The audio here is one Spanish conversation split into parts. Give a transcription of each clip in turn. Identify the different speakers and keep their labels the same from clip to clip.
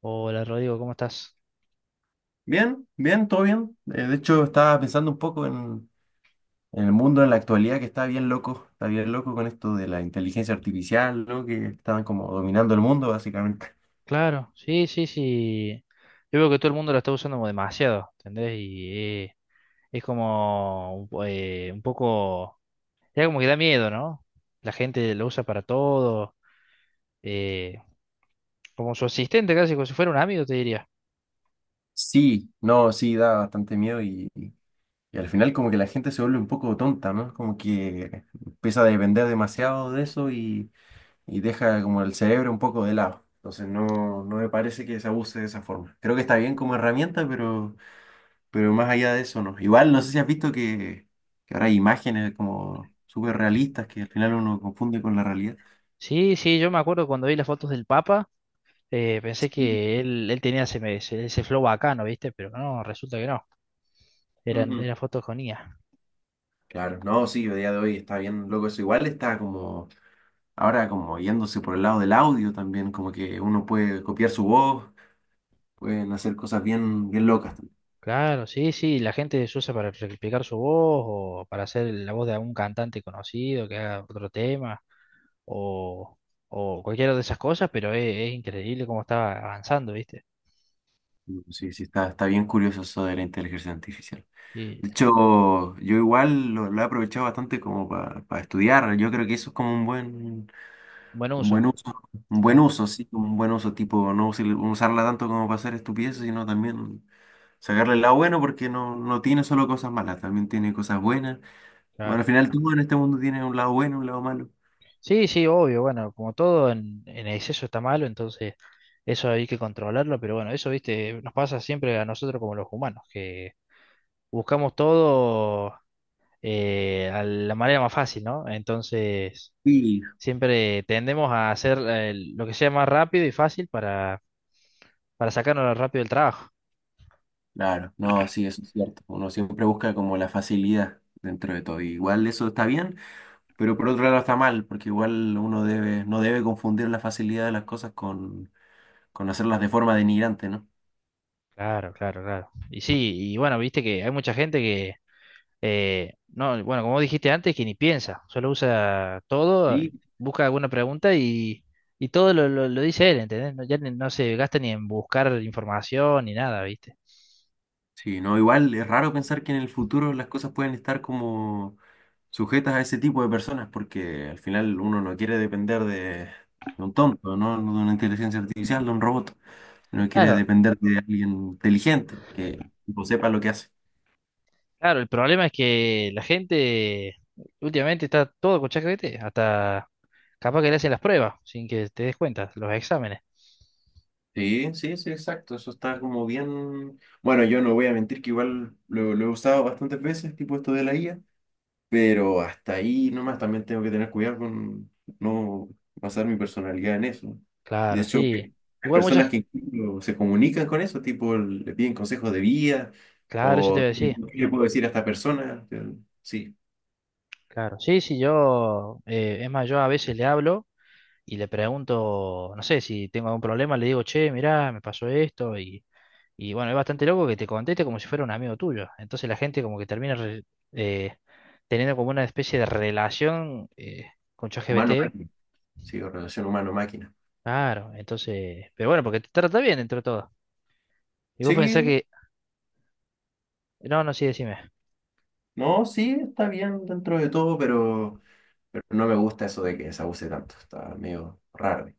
Speaker 1: Hola Rodrigo, ¿cómo estás?
Speaker 2: Bien, bien, todo bien. De hecho, estaba pensando un poco en el mundo en la actualidad que está bien loco con esto de la inteligencia artificial, ¿no? Que estaban como dominando el mundo, básicamente.
Speaker 1: Claro, sí, sí, sí. Yo veo que todo el mundo la está usando como demasiado, ¿entendés? Es como un poco, ya como que da miedo, ¿no? La gente lo usa para todo, eh, como su asistente casi, como si fuera un amigo, te diría.
Speaker 2: Sí, no, sí, da bastante miedo y al final como que la gente se vuelve un poco tonta, ¿no? Como que empieza a depender demasiado de eso y deja como el cerebro un poco de lado. Entonces no, no me parece que se abuse de esa forma. Creo que está bien como herramienta, Pero más allá de eso, no. Igual, no sé si has visto que ahora hay imágenes como súper realistas que al final uno confunde con la realidad.
Speaker 1: Sí, sí, yo me acuerdo cuando vi las fotos del Papa, pensé
Speaker 2: Sí.
Speaker 1: que él tenía ese flow bacano, ¿viste? Pero no, resulta que no, eran,
Speaker 2: Ujú.
Speaker 1: eran fotos con IA.
Speaker 2: Claro, no, sí, a día de hoy está bien loco eso. Igual está ahora como yéndose por el lado del audio también, como que uno puede copiar su voz, pueden hacer cosas bien, bien locas. También.
Speaker 1: Claro, sí, sí, la gente se usa para replicar su voz o para hacer la voz de algún cantante conocido que haga otro tema o, o cualquiera de esas cosas, pero es increíble cómo está avanzando, ¿viste?
Speaker 2: Sí, sí, está bien curioso eso de la inteligencia artificial.
Speaker 1: Sí,
Speaker 2: De hecho, yo igual lo he aprovechado bastante como para estudiar. Yo creo que eso es como
Speaker 1: buen
Speaker 2: un
Speaker 1: uso,
Speaker 2: buen uso, un buen
Speaker 1: claro,
Speaker 2: uso, sí, un buen uso, tipo, no usar- usarla tanto como para hacer estupideces, sino también sacarle el lado bueno, porque no, no tiene solo cosas malas, también tiene cosas buenas. Bueno, al
Speaker 1: claro.
Speaker 2: final todo en este mundo tiene un lado bueno, un lado malo.
Speaker 1: Sí, sí, obvio, bueno, como todo en exceso está malo, entonces eso hay que controlarlo, pero bueno, eso, ¿viste? Nos pasa siempre a nosotros como los humanos, que buscamos todo a la manera más fácil, ¿no? Entonces…
Speaker 2: Sí,
Speaker 1: Siempre tendemos a hacer lo que sea más rápido y fácil para sacarnos rápido del trabajo.
Speaker 2: claro, no, sí, eso es cierto. Uno siempre busca como la facilidad dentro de todo. Igual eso está bien, pero por otro lado está mal, porque igual uno debe, no debe confundir la facilidad de las cosas con hacerlas de forma denigrante, ¿no?
Speaker 1: Claro, claro, claro. Y sí, y bueno, viste que hay mucha gente que, no, bueno, como dijiste antes, que ni piensa, solo usa todo,
Speaker 2: Sí.
Speaker 1: busca alguna pregunta y todo lo dice él, ¿entendés? No, ya ni- no se gasta ni en buscar información ni nada, ¿viste?
Speaker 2: Sí, no, igual es raro pensar que en el futuro las cosas pueden estar como sujetas a ese tipo de personas, porque al final uno no quiere depender de un tonto, ¿no? No. De una inteligencia artificial, de un robot. Uno quiere
Speaker 1: Claro,
Speaker 2: depender de alguien inteligente que tipo, sepa lo que hace.
Speaker 1: claro, el problema es que la gente últimamente está todo con ChatGPT, hasta capaz que le hacen las pruebas sin que te des cuenta, los exámenes.
Speaker 2: Sí, sí, sí, exacto. Eso está como bien. Bueno, yo no voy a mentir que igual lo he usado bastantes veces, tipo esto de la IA. Pero hasta ahí nomás también tengo que tener cuidado con no basar mi personalidad en eso. De
Speaker 1: Claro,
Speaker 2: hecho,
Speaker 1: sí.
Speaker 2: que hay
Speaker 1: Igual muchas,
Speaker 2: personas que incluso se comunican con eso, tipo le piden consejos de vida
Speaker 1: claro, eso te iba
Speaker 2: o
Speaker 1: a
Speaker 2: qué
Speaker 1: decir.
Speaker 2: qué le puedo decir a esta persona. Sí,
Speaker 1: Claro, sí, sí, yo, es más, yo a veces le hablo y le pregunto, no sé, si tengo algún problema, le digo, che, mirá, me pasó esto y bueno, es bastante loco que te conteste como si fuera un amigo tuyo. Entonces la gente como que eh, teniendo como una especie de relación con ChatGPT.
Speaker 2: humano-máquina. Sí, o relación humano-máquina.
Speaker 1: Claro, entonces, pero bueno, porque te trata bien entre todo. Y vos pensás
Speaker 2: Sí,
Speaker 1: que, no, no, sí, decime.
Speaker 2: no, sí, está bien dentro de todo, pero no me gusta eso de que se abuse tanto. Está medio raro.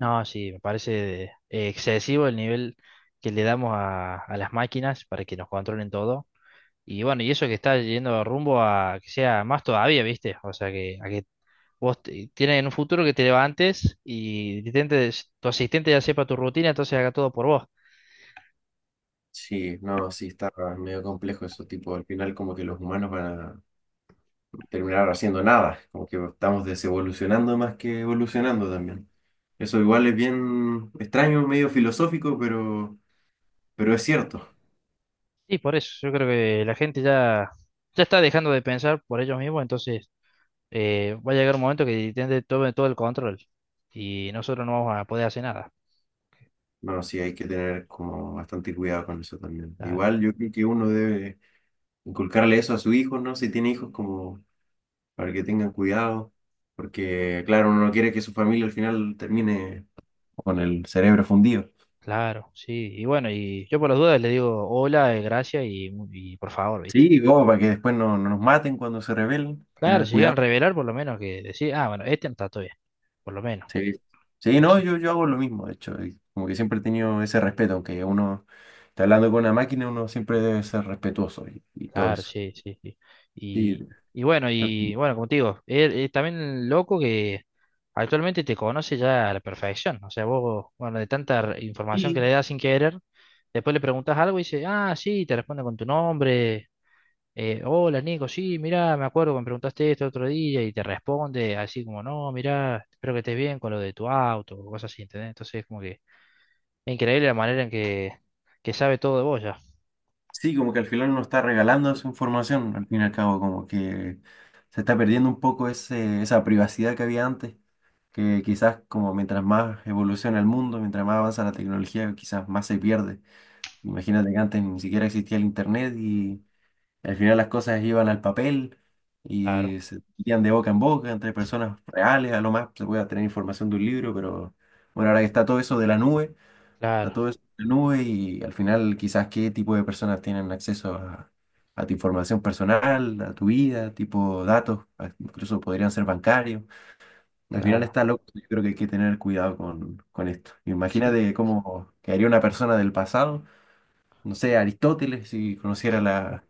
Speaker 1: No, sí, me parece excesivo el nivel que le damos a las máquinas para que nos controlen todo. Y bueno, y eso que está yendo rumbo a que sea más todavía, ¿viste? O sea, que, a que vos te- tienes en un futuro que te levantes y te intentes- tu asistente ya sepa tu rutina, entonces haga todo por vos.
Speaker 2: Sí, no, sí, está medio complejo eso, tipo, al final como que los humanos van a terminar haciendo nada, como que estamos desevolucionando más que evolucionando también. Eso igual es bien extraño, medio filosófico, pero es cierto.
Speaker 1: Y por eso, yo creo que la gente ya, ya está dejando de pensar por ellos mismos, entonces va a llegar un momento que Nintendo tome todo el control y nosotros no vamos a poder hacer nada.
Speaker 2: No, sí, hay que tener como bastante cuidado con eso también.
Speaker 1: Claro,
Speaker 2: Igual yo creo que uno debe inculcarle eso a su hijo, ¿no? Si tiene hijos, como para que tengan cuidado, porque claro, uno no quiere que su familia al final termine con el cerebro fundido.
Speaker 1: claro, sí. Y bueno, y yo por las dudas le digo hola, gracias y, mu- y por favor, ¿viste?
Speaker 2: Sí, como para que después no, no nos maten cuando se rebelen,
Speaker 1: Claro,
Speaker 2: tener
Speaker 1: si llegan a
Speaker 2: cuidado.
Speaker 1: revelar, por lo menos que decir, ah, bueno, este no está todavía, por lo menos.
Speaker 2: Sí, sí, no,
Speaker 1: Eso.
Speaker 2: yo hago lo mismo, de hecho, y como que siempre he tenido ese respeto, aunque uno está hablando con una máquina, uno siempre debe ser respetuoso y todo
Speaker 1: Claro,
Speaker 2: eso.
Speaker 1: sí, sí, sí.
Speaker 2: Sí,
Speaker 1: Y,
Speaker 2: está-
Speaker 1: y bueno, como te digo, es también loco que actualmente te conoce ya a la perfección. O sea, vos, bueno, de tanta re- información que
Speaker 2: y
Speaker 1: le das sin querer, después le preguntas algo y dice, ah, sí, te responde con tu nombre. Hola, Nico, sí, mirá, me acuerdo que me preguntaste esto otro día y te responde así como, no, mirá, espero que estés bien con lo de tu auto o cosas así, ¿entendés? Entonces, es como que es increíble la manera en que sabe todo de vos ya.
Speaker 2: sí, como que al final uno está regalando su información, al fin y al cabo, como que se está perdiendo un poco esa privacidad que había antes, que quizás como mientras más evoluciona el mundo, mientras más avanza la tecnología, quizás más se pierde. Imagínate que antes ni siquiera existía el internet. Al final las cosas iban al papel
Speaker 1: Claro,
Speaker 2: y se metían de boca en boca entre personas reales, a lo más se puede tener información de un libro, pero bueno, ahora que está todo eso de la nube, está
Speaker 1: claro,
Speaker 2: todo eso de la nube y al final quizás qué tipo de personas tienen acceso a tu información personal, a tu vida, tipo datos, incluso podrían ser bancarios. Al final
Speaker 1: claro.
Speaker 2: está loco, yo creo que hay que tener cuidado con esto.
Speaker 1: Sí.
Speaker 2: Imagínate cómo quedaría una persona del pasado, no sé, Aristóteles, si conociera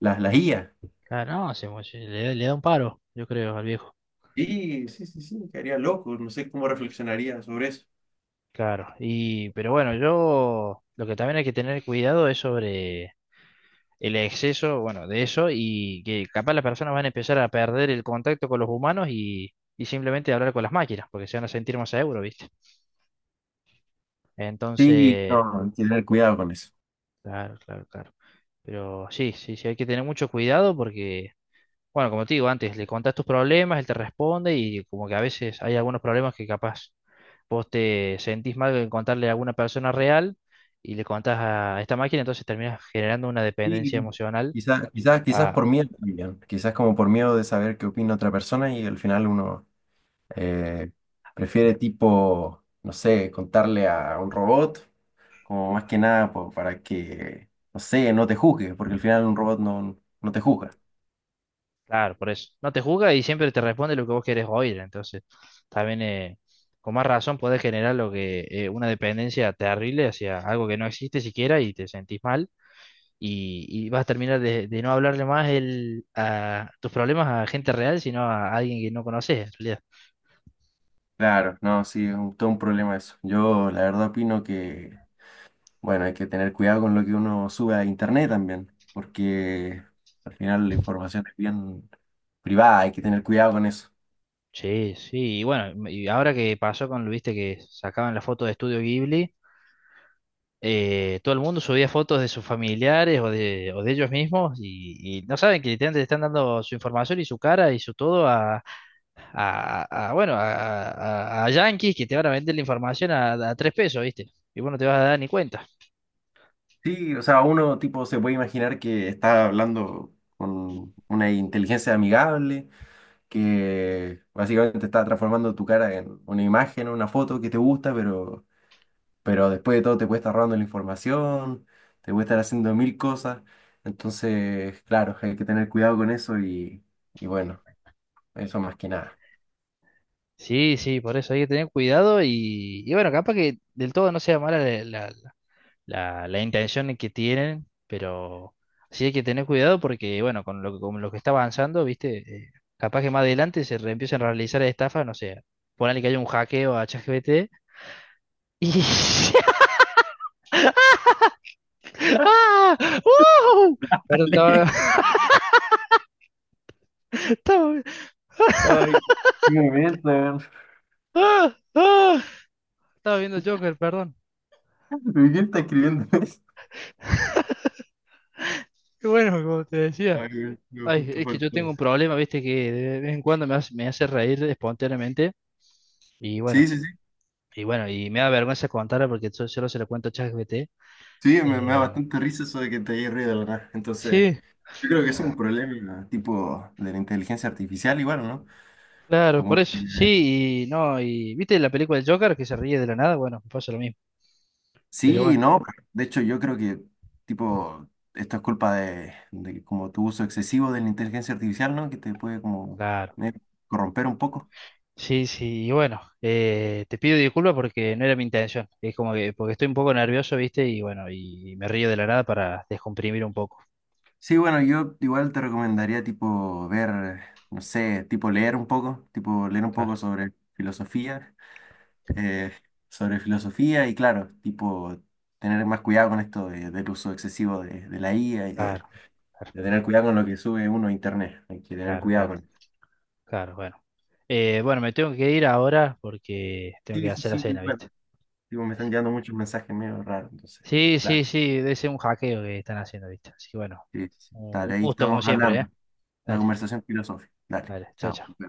Speaker 2: las IA.
Speaker 1: Claro, no, se mo- le da un paro, yo creo, al viejo.
Speaker 2: Sí, sí, sí, sí, me quedaría loco, no sé cómo reflexionaría sobre eso.
Speaker 1: Claro, y pero bueno, yo lo que también hay que tener cuidado es sobre el exceso, bueno, de eso y que capaz las personas van a empezar a perder el contacto con los humanos y simplemente hablar con las máquinas, porque se van a sentir más seguros, ¿viste?
Speaker 2: Sí,
Speaker 1: Entonces,
Speaker 2: no, hay que tener cuidado con eso.
Speaker 1: claro, claro, claro. Pero sí, sí, sí, hay que tener mucho cuidado porque, bueno, como te digo antes, le contás tus problemas, él te responde y como que a veces hay algunos problemas que capaz vos te sentís mal en contarle a alguna persona real y le contás a esta máquina, entonces terminas generando una dependencia
Speaker 2: Sí.
Speaker 1: emocional
Speaker 2: Quizás, quizás, quizás
Speaker 1: a,
Speaker 2: por miedo también, quizás como por miedo de saber qué opina otra persona y al final uno eh, prefiere tipo, no sé, contarle a un robot, como más que nada para que, no sé, no te juzgue, porque al final un robot no, no te juzga.
Speaker 1: claro, por eso. No te juzga y siempre te responde lo que vos querés oír, entonces también con más razón podés generar lo que una dependencia terrible hacia algo que no existe siquiera y te sentís mal y vas a terminar de no hablarle más el, a tus problemas a gente real, sino a alguien que no conoces, realidad.
Speaker 2: Claro, no, sí, es un- todo un problema eso. Yo la verdad opino que bueno, hay que tener cuidado con lo que uno sube a internet también, porque al final la información es bien privada, hay que tener cuidado con eso.
Speaker 1: Sí, sí, y bueno, y ahora que pasó con, viste, que sacaban la foto de Estudio Ghibli, todo el mundo subía fotos de sus familiares o de ellos mismos y no saben que literalmente le están dando su información y su cara y su todo a- bueno, a yanquis que te van a vender la información a tres pesos, viste, y vos no te vas a dar ni cuenta.
Speaker 2: Sí, o sea, uno tipo se puede imaginar que está hablando con una inteligencia amigable, que básicamente está transformando tu cara en una imagen, una foto que te gusta, pero después de todo te puede estar robando la información, te puede estar haciendo mil cosas. Entonces, claro, hay que tener cuidado con eso y bueno, eso más que nada.
Speaker 1: Sí, sí, por eso hay que tener cuidado y bueno, capaz que del todo no sea mala la, la- la intención que tienen, pero sí hay que tener cuidado porque, bueno, con lo que está avanzando, ¿viste? Eh, capaz que más adelante se re- empiezan a realizar estafas, no sé, ponele que haya un hackeo a ChatGPT y… ¡Ah! ¡Wow! Perdón, estaba,
Speaker 2: Dale.
Speaker 1: estaba,
Speaker 2: Ay, qué momento, weón.
Speaker 1: ¡Ah! ¡Ah! Estaba viendo Joker, perdón.
Speaker 2: ¿Y quién está escribiendo eso?
Speaker 1: Qué bueno, como te decía.
Speaker 2: Ay, weón, lo
Speaker 1: Ay,
Speaker 2: justo
Speaker 1: es que yo tengo
Speaker 2: faltó.
Speaker 1: un problema, viste, que de vez en cuando me hace reír espontáneamente. Y
Speaker 2: Sí,
Speaker 1: bueno,
Speaker 2: sí, sí.
Speaker 1: y bueno, y me da vergüenza contarlo porque yo solo se lo cuento a ChatGPT.
Speaker 2: Sí, me da
Speaker 1: Eh,
Speaker 2: bastante risa eso de que te hayas reído, la verdad. Entonces,
Speaker 1: Sí,
Speaker 2: yo creo que es un problema tipo de la inteligencia artificial igual, ¿no?
Speaker 1: claro,
Speaker 2: Como
Speaker 1: por
Speaker 2: que
Speaker 1: eso. Sí, y no, y ¿viste la película del Joker que se ríe de la nada? Bueno, me pasa lo mismo. Pero
Speaker 2: sí,
Speaker 1: bueno,
Speaker 2: no. De hecho, yo creo que tipo esto es culpa de como tu uso excesivo de la inteligencia artificial, ¿no? Que te puede como
Speaker 1: claro.
Speaker 2: eh, corromper un poco.
Speaker 1: Sí, sí, y bueno, te pido disculpas porque no era mi intención. Es como que, porque estoy un poco nervioso, ¿viste? Y bueno, y me río de la nada para descomprimir un poco.
Speaker 2: Sí, bueno, yo igual te recomendaría tipo ver, no sé, tipo leer un poco, tipo leer un poco
Speaker 1: Claro,
Speaker 2: eh, sobre filosofía y claro, tipo tener más cuidado con esto del uso excesivo de la IA
Speaker 1: claro, claro,
Speaker 2: de tener cuidado con lo que sube uno a internet, hay que tener
Speaker 1: claro,
Speaker 2: cuidado
Speaker 1: claro,
Speaker 2: con...
Speaker 1: claro, bueno. Bueno, me tengo que ir ahora porque tengo que
Speaker 2: Sí, sí,
Speaker 1: hacer la
Speaker 2: sí,
Speaker 1: cena,
Speaker 2: igual.
Speaker 1: ¿viste?
Speaker 2: Tipo, me están
Speaker 1: Así.
Speaker 2: llegando muchos mensajes medio raros, entonces,
Speaker 1: Sí, sí,
Speaker 2: claro.
Speaker 1: sí, debe ser un hackeo que están haciendo, ¿viste? Así que bueno,
Speaker 2: Sí, sí, sí.
Speaker 1: un
Speaker 2: Dale, ahí
Speaker 1: gusto
Speaker 2: estamos
Speaker 1: como siempre, ¿eh?
Speaker 2: hablando, una
Speaker 1: Dale,
Speaker 2: conversación filosófica. Dale,
Speaker 1: dale, chao,
Speaker 2: chao.
Speaker 1: chao.